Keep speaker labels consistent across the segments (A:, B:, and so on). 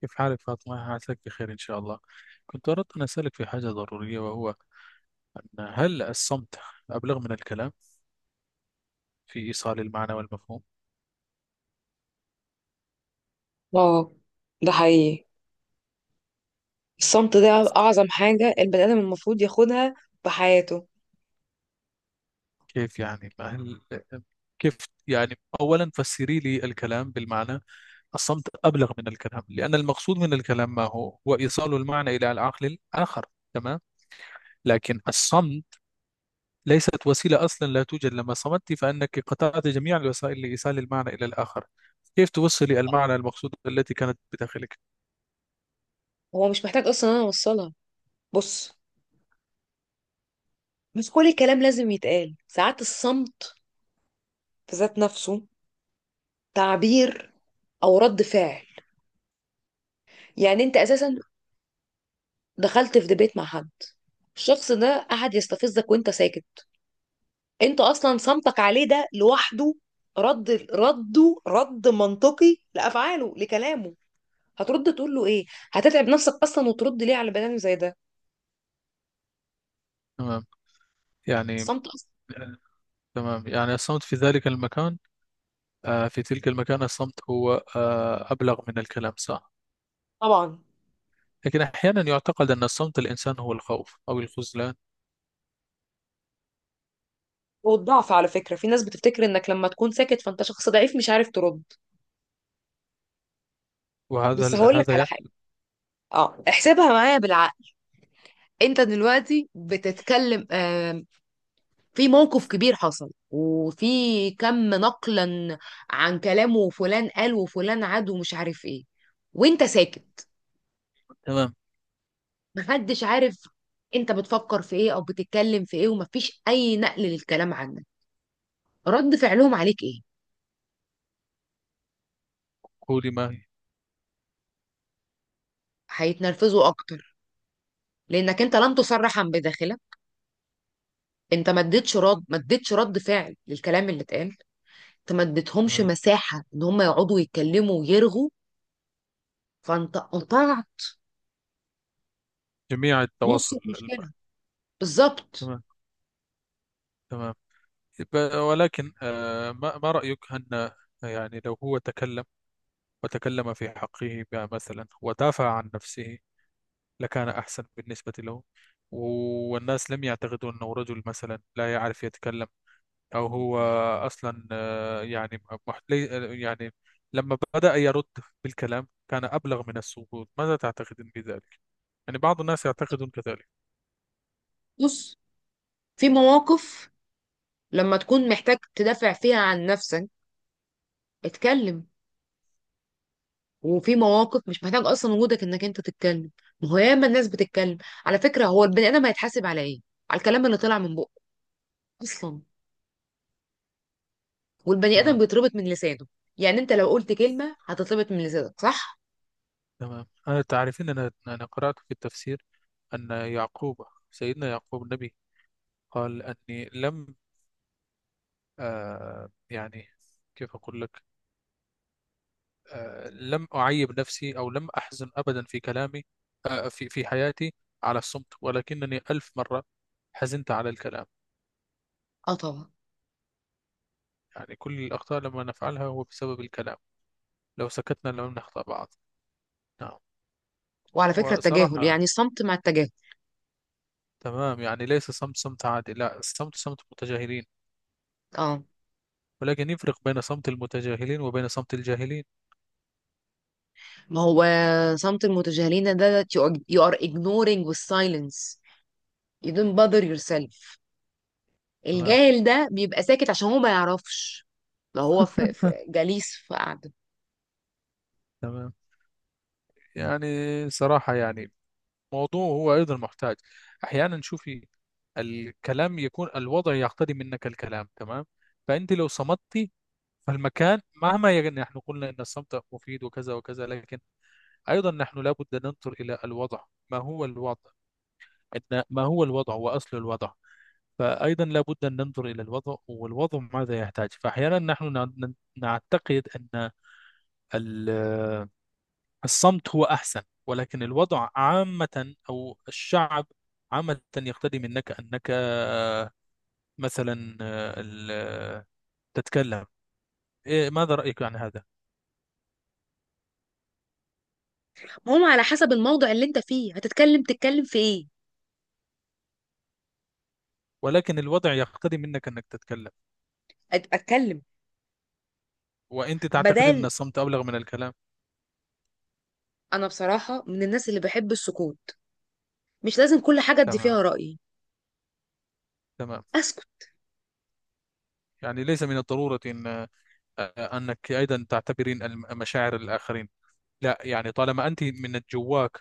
A: كيف حالك فاطمة؟ عساك بخير إن شاء الله. كنت أردت أن أسألك في حاجة ضرورية، وهو أن هل الصمت أبلغ من الكلام في إيصال المعنى والمفهوم؟
B: اه ده حقيقي، الصمت ده اعظم حاجة البني ادم المفروض ياخدها في حياته.
A: كيف يعني؟ ما هل كيف يعني أولا فسري لي الكلام بالمعنى. الصمت أبلغ من الكلام، لأن المقصود من الكلام ما هو؟ هو إيصال المعنى إلى العقل الآخر، تمام؟ لكن الصمت ليست وسيلة، أصلا لا توجد. لما صمت فأنك قطعت جميع الوسائل لإيصال المعنى إلى الآخر. كيف توصلي المعنى المقصود التي كانت بداخلك؟
B: هو مش محتاج اصلا إن انا اوصلها. بص، مش كل الكلام لازم يتقال، ساعات الصمت في ذات نفسه تعبير او رد فعل. يعني انت اساسا دخلت في دبيت مع حد، الشخص ده قعد يستفزك وانت ساكت. انت اصلا صمتك عليه ده لوحده رد منطقي لافعاله لكلامه. هترد تقول له ايه؟ هتتعب نفسك اصلا وترد ليه على بني ادم زي ده؟
A: تمام، يعني.
B: الصمت اصلا...
A: تمام، يعني الصمت في ذلك المكان، في تلك المكان الصمت هو، أبلغ من الكلام، صح.
B: طبعا.
A: لكن أحيانا يعتقد أن الصمت الإنسان هو الخوف أو الخذلان.
B: والضعف، على فكره في ناس بتفتكر انك لما تكون ساكت فانت شخص ضعيف مش عارف ترد. بس
A: وهذا
B: هقول لك
A: هذا
B: على حاجه،
A: يحصل.
B: اه احسبها معايا بالعقل. انت دلوقتي بتتكلم، في موقف كبير حصل وفي كم نقلا عن كلامه وفلان قال وفلان عاد ومش عارف ايه، وانت ساكت.
A: تمام.
B: محدش عارف انت بتفكر في ايه او بتتكلم في ايه، ومفيش اي نقل للكلام عنك. رد فعلهم عليك ايه؟
A: قولي، ما هي.
B: هيتنرفزوا اكتر، لانك انت لم تصرح عن بداخلك. انت ما اديتش رد فعل للكلام اللي اتقال. انت ما اديتهمش
A: تمام.
B: مساحه ان هم يقعدوا يتكلموا ويرغوا. فانت قطعت
A: جميع
B: نص
A: التواصل الم-.
B: المشكله. بالظبط.
A: تمام. تمام. ب- ولكن ما رأيك أن، يعني لو هو تكلم وتكلم في حقه مثلا ودافع عن نفسه، لكان أحسن بالنسبة له، والناس لم يعتقدوا أنه رجل مثلا لا يعرف يتكلم. أو هو أصلا يعني، مح- لي- يعني لما بدأ يرد بالكلام كان أبلغ من السكوت. ماذا تعتقدين بذلك؟ يعني بعض الناس يعتقدون كذلك.
B: بص، في مواقف لما تكون محتاج تدافع فيها عن نفسك، اتكلم. وفي مواقف مش محتاج اصلا وجودك انك انت تتكلم. ما هو ياما الناس بتتكلم. على فكره هو البني ادم هيتحاسب على ايه؟ على الكلام اللي طلع من بقه اصلا. والبني ادم
A: تمام.
B: بيتربط من لسانه، يعني انت لو قلت كلمه هتتربط من لسانك، صح؟
A: تمام. أنا تعرفين، أنا قرأت في التفسير أن يعقوب، سيدنا يعقوب النبي، قال أني لم، يعني كيف أقول لك، لم أعيب نفسي أو لم أحزن أبدا في كلامي، في حياتي، على الصمت، ولكنني ألف مرة حزنت على الكلام.
B: اه، طبعا.
A: يعني كل الأخطاء لما نفعلها هو بسبب الكلام، لو سكتنا لم نخطأ بعض. نعم.
B: وعلى فكرة التجاهل، يعني
A: وصراحة.
B: الصمت مع التجاهل.
A: تمام، يعني ليس صمت، صمت عادي لا، الصمت صمت متجاهلين.
B: اه.
A: ولكن يفرق بين صمت المتجاهلين وبين صمت الجاهلين.
B: ما هو صمت المتجاهلين ده you are ignoring with silence, you don't bother yourself.
A: تمام.
B: الجاهل ده بيبقى ساكت عشان هو ما يعرفش. لو هو في جليس في قعدة.
A: تمام. يعني صراحة يعني موضوع هو أيضا محتاج. أحيانا شوفي، الكلام يكون الوضع يقتضي منك الكلام، تمام؟ فأنت لو صمتي، فالمكان مهما، يعني نحن قلنا أن الصمت مفيد وكذا وكذا، لكن أيضا نحن لابد أن ننظر إلى الوضع. ما هو الوضع؟ إن ما هو الوضع وأصل الوضع؟ فأيضا لابد أن ننظر إلى الوضع والوضع ماذا يحتاج. فأحيانا نحن نع- نعتقد أن ال- الصمت هو أحسن، ولكن الوضع عامة أو الشعب عامة يقتدي منك أنك مثلا ال- تتكلم. إيه، ماذا رأيك عن هذا؟
B: المهم على حسب الموضوع اللي انت فيه هتتكلم، تتكلم في ايه؟
A: ولكن الوضع يقتضي منك أنك تتكلم،
B: اتكلم.
A: وأنت تعتقد أن
B: بدال...
A: الصمت أبلغ من الكلام.
B: انا بصراحة من الناس اللي بحب السكوت. مش لازم كل حاجة ادي
A: تمام.
B: فيها رأيي،
A: تمام.
B: اسكت.
A: يعني ليس من الضرورة أن، أنك أيضا تعتبرين الم- مشاعر الآخرين؟ لا يعني طالما أنت من جواك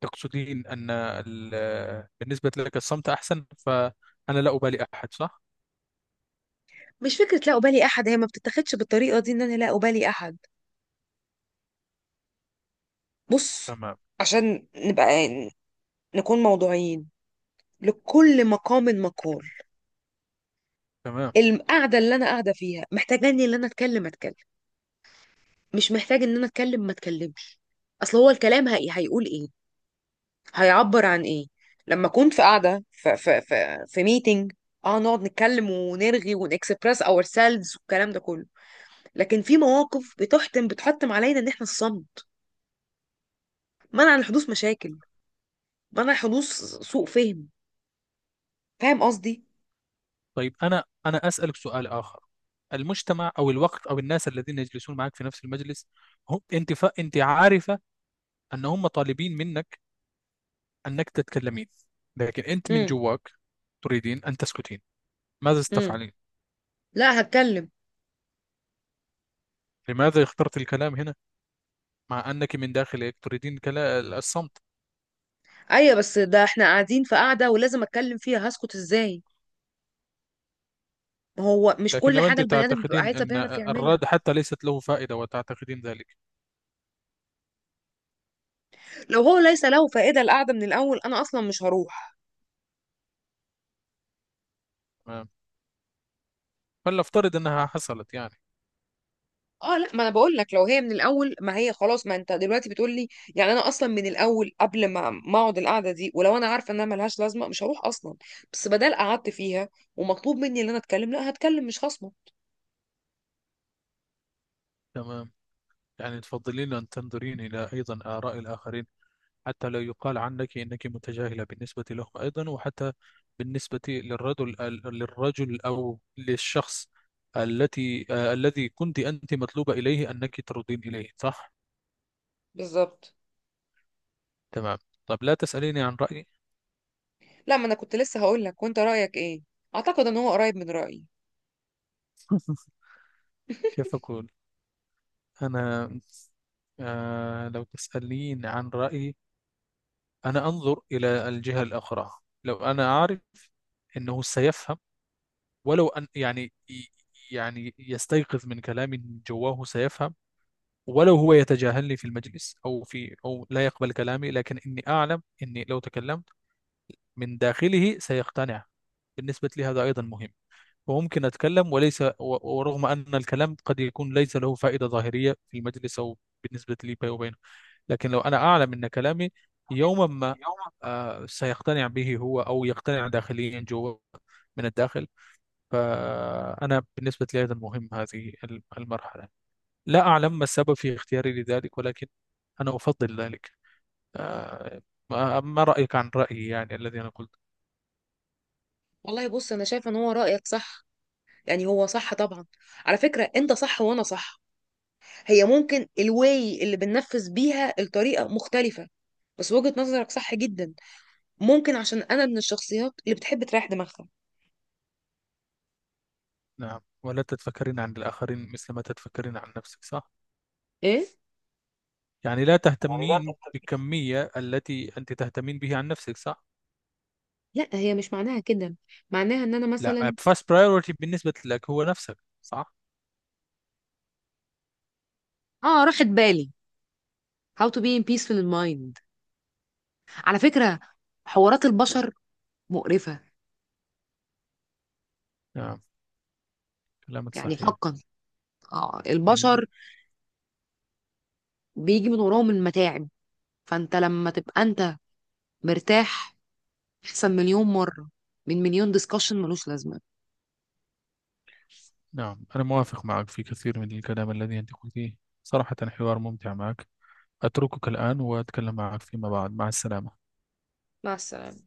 A: تقصدين أن ال-، بالنسبة لك الصمت أحسن، فأنا لا أبالي أحد، صح؟
B: مش فكرة لا أبالي أحد، هي ما بتتاخدش بالطريقة دي إن أنا لا أبالي أحد. بص،
A: تمام.
B: عشان نكون موضوعيين، لكل مقام مقال.
A: تمام.
B: القعده اللي انا قاعده فيها محتاجاني ان انا اتكلم. مش محتاج ان انا اتكلم ما اتكلمش. اصل هو الكلام هيقول ايه؟ هيعبر عن ايه؟ لما كنت في قاعده، في ميتنج، اه نقعد نتكلم ونرغي ونكسبرس اور سيلفز والكلام ده كله. لكن في مواقف بتحتم علينا ان احنا الصمت، منع لحدوث مشاكل، منع حدوث سوء فهم. فاهم قصدي؟
A: طيب، أنا أسألك سؤال آخر. المجتمع أو الوقت أو الناس الذين يجلسون معك في نفس المجلس، هم أنت ف... أنت عارفة أن هم طالبين منك أنك تتكلمين، لكن أنت من
B: امم.
A: جواك تريدين أن تسكتين، ماذا
B: امم،
A: ستفعلين؟
B: لا، هتكلم.
A: لماذا اخترت الكلام هنا، مع أنك من داخلك تريدين كلا... الصمت؟
B: ايوه، بس ده احنا قاعدين في قاعده ولازم اتكلم فيها، هسكت ازاي؟ ما هو مش
A: لكن
B: كل
A: لو
B: حاجه
A: أنت
B: البني ادم بيبقى
A: تعتقدين
B: عايزه
A: أن
B: بيعرف يعملها.
A: الرد حتى ليست له فائدة، وتعتقدين ذلك.
B: لو هو ليس له فائده القعده من الاول انا اصلا مش هروح.
A: تمام. فلنفترض أنها حصلت يعني.
B: اه، لا، ما انا بقول لك، لو هي من الاول، ما هي خلاص، ما انت دلوقتي بتقول لي. يعني انا اصلا من الاول قبل ما اقعد القعده دي، ولو انا عارفه انها ملهاش لازمه مش هروح اصلا. بس بدل قعدت فيها ومطلوب مني ان انا اتكلم، لا هتكلم مش خصمه.
A: تمام. يعني تفضلين أن تنظرين إلى أيضا آراء الآخرين، حتى لا يقال عنك إنك متجاهلة بالنسبة لهم أيضا، وحتى بالنسبة للرجل، للرجل أو للشخص التي، الذي كنت أنت مطلوبة إليه أنك تردين إليه، صح؟
B: بالظبط.
A: تمام. طب لا تسأليني عن رأيي.
B: لا، ما انا كنت لسه هقول لك، وانت رايك ايه؟ اعتقد ان هو قريب من رايي.
A: كيف أقول؟ أنا، لو تسألين عن رأيي، أنا أنظر إلى الجهة الأخرى. لو أنا أعرف أنه سيفهم، ولو أن يعني، يعني يستيقظ من كلامي، جواه سيفهم. ولو هو يتجاهلني في المجلس أو في، أو لا يقبل كلامي، لكن إني أعلم إني لو تكلمت من داخله سيقتنع. بالنسبة لي هذا أيضا مهم. وممكن أتكلم، وليس و-، ورغم أن الكلام قد يكون ليس له فائدة ظاهرية في المجلس، أو بالنسبة لي بيني وبينه، لكن لو أنا أعلم أن كلامي يوما ما، سيقتنع به هو، أو يقتنع داخليا جوا من الداخل، فأنا بالنسبة لي أيضا مهم هذه المرحلة. لا أعلم ما السبب في اختياري لذلك، ولكن أنا أفضل ذلك. آه، ما رأيك عن رأيي، يعني الذي أنا قلت؟
B: والله بص، انا شايفه ان هو رايك صح، يعني هو صح طبعا. على فكرة انت صح وانا صح. هي ممكن الواي اللي بننفذ بيها الطريقة مختلفة، بس وجهة نظرك صح جدا. ممكن عشان انا من الشخصيات اللي بتحب تريح دماغها.
A: نعم، ولا تتفكرين عن الآخرين مثل ما تتفكرين عن نفسك، صح؟
B: ايه.
A: يعني لا تهتمين بالكمية التي أنت تهتمين بها عن نفسك، صح؟
B: لا، هي مش معناها كده، معناها ان انا
A: لا،
B: مثلا...
A: first priority بالنسبة لك هو نفسك، صح؟
B: اه، راحت بالي. how to be in peaceful in mind. على فكرة، حوارات البشر مقرفة،
A: نعم، كلامك
B: يعني
A: صحيح.
B: حقا. اه
A: إن...
B: البشر بيجي من وراهم المتاعب. فانت لما تبقى انت مرتاح، احسن مليون مرة من مليون ديسكشن ملوش لازمة.
A: نعم، أنا موافق معك في كثير من الكلام الذي أنت قلتيه. صراحة حوار ممتع معك. أتركك الآن وأتكلم معك فيما بعد. مع السلامة.
B: مع السلامة.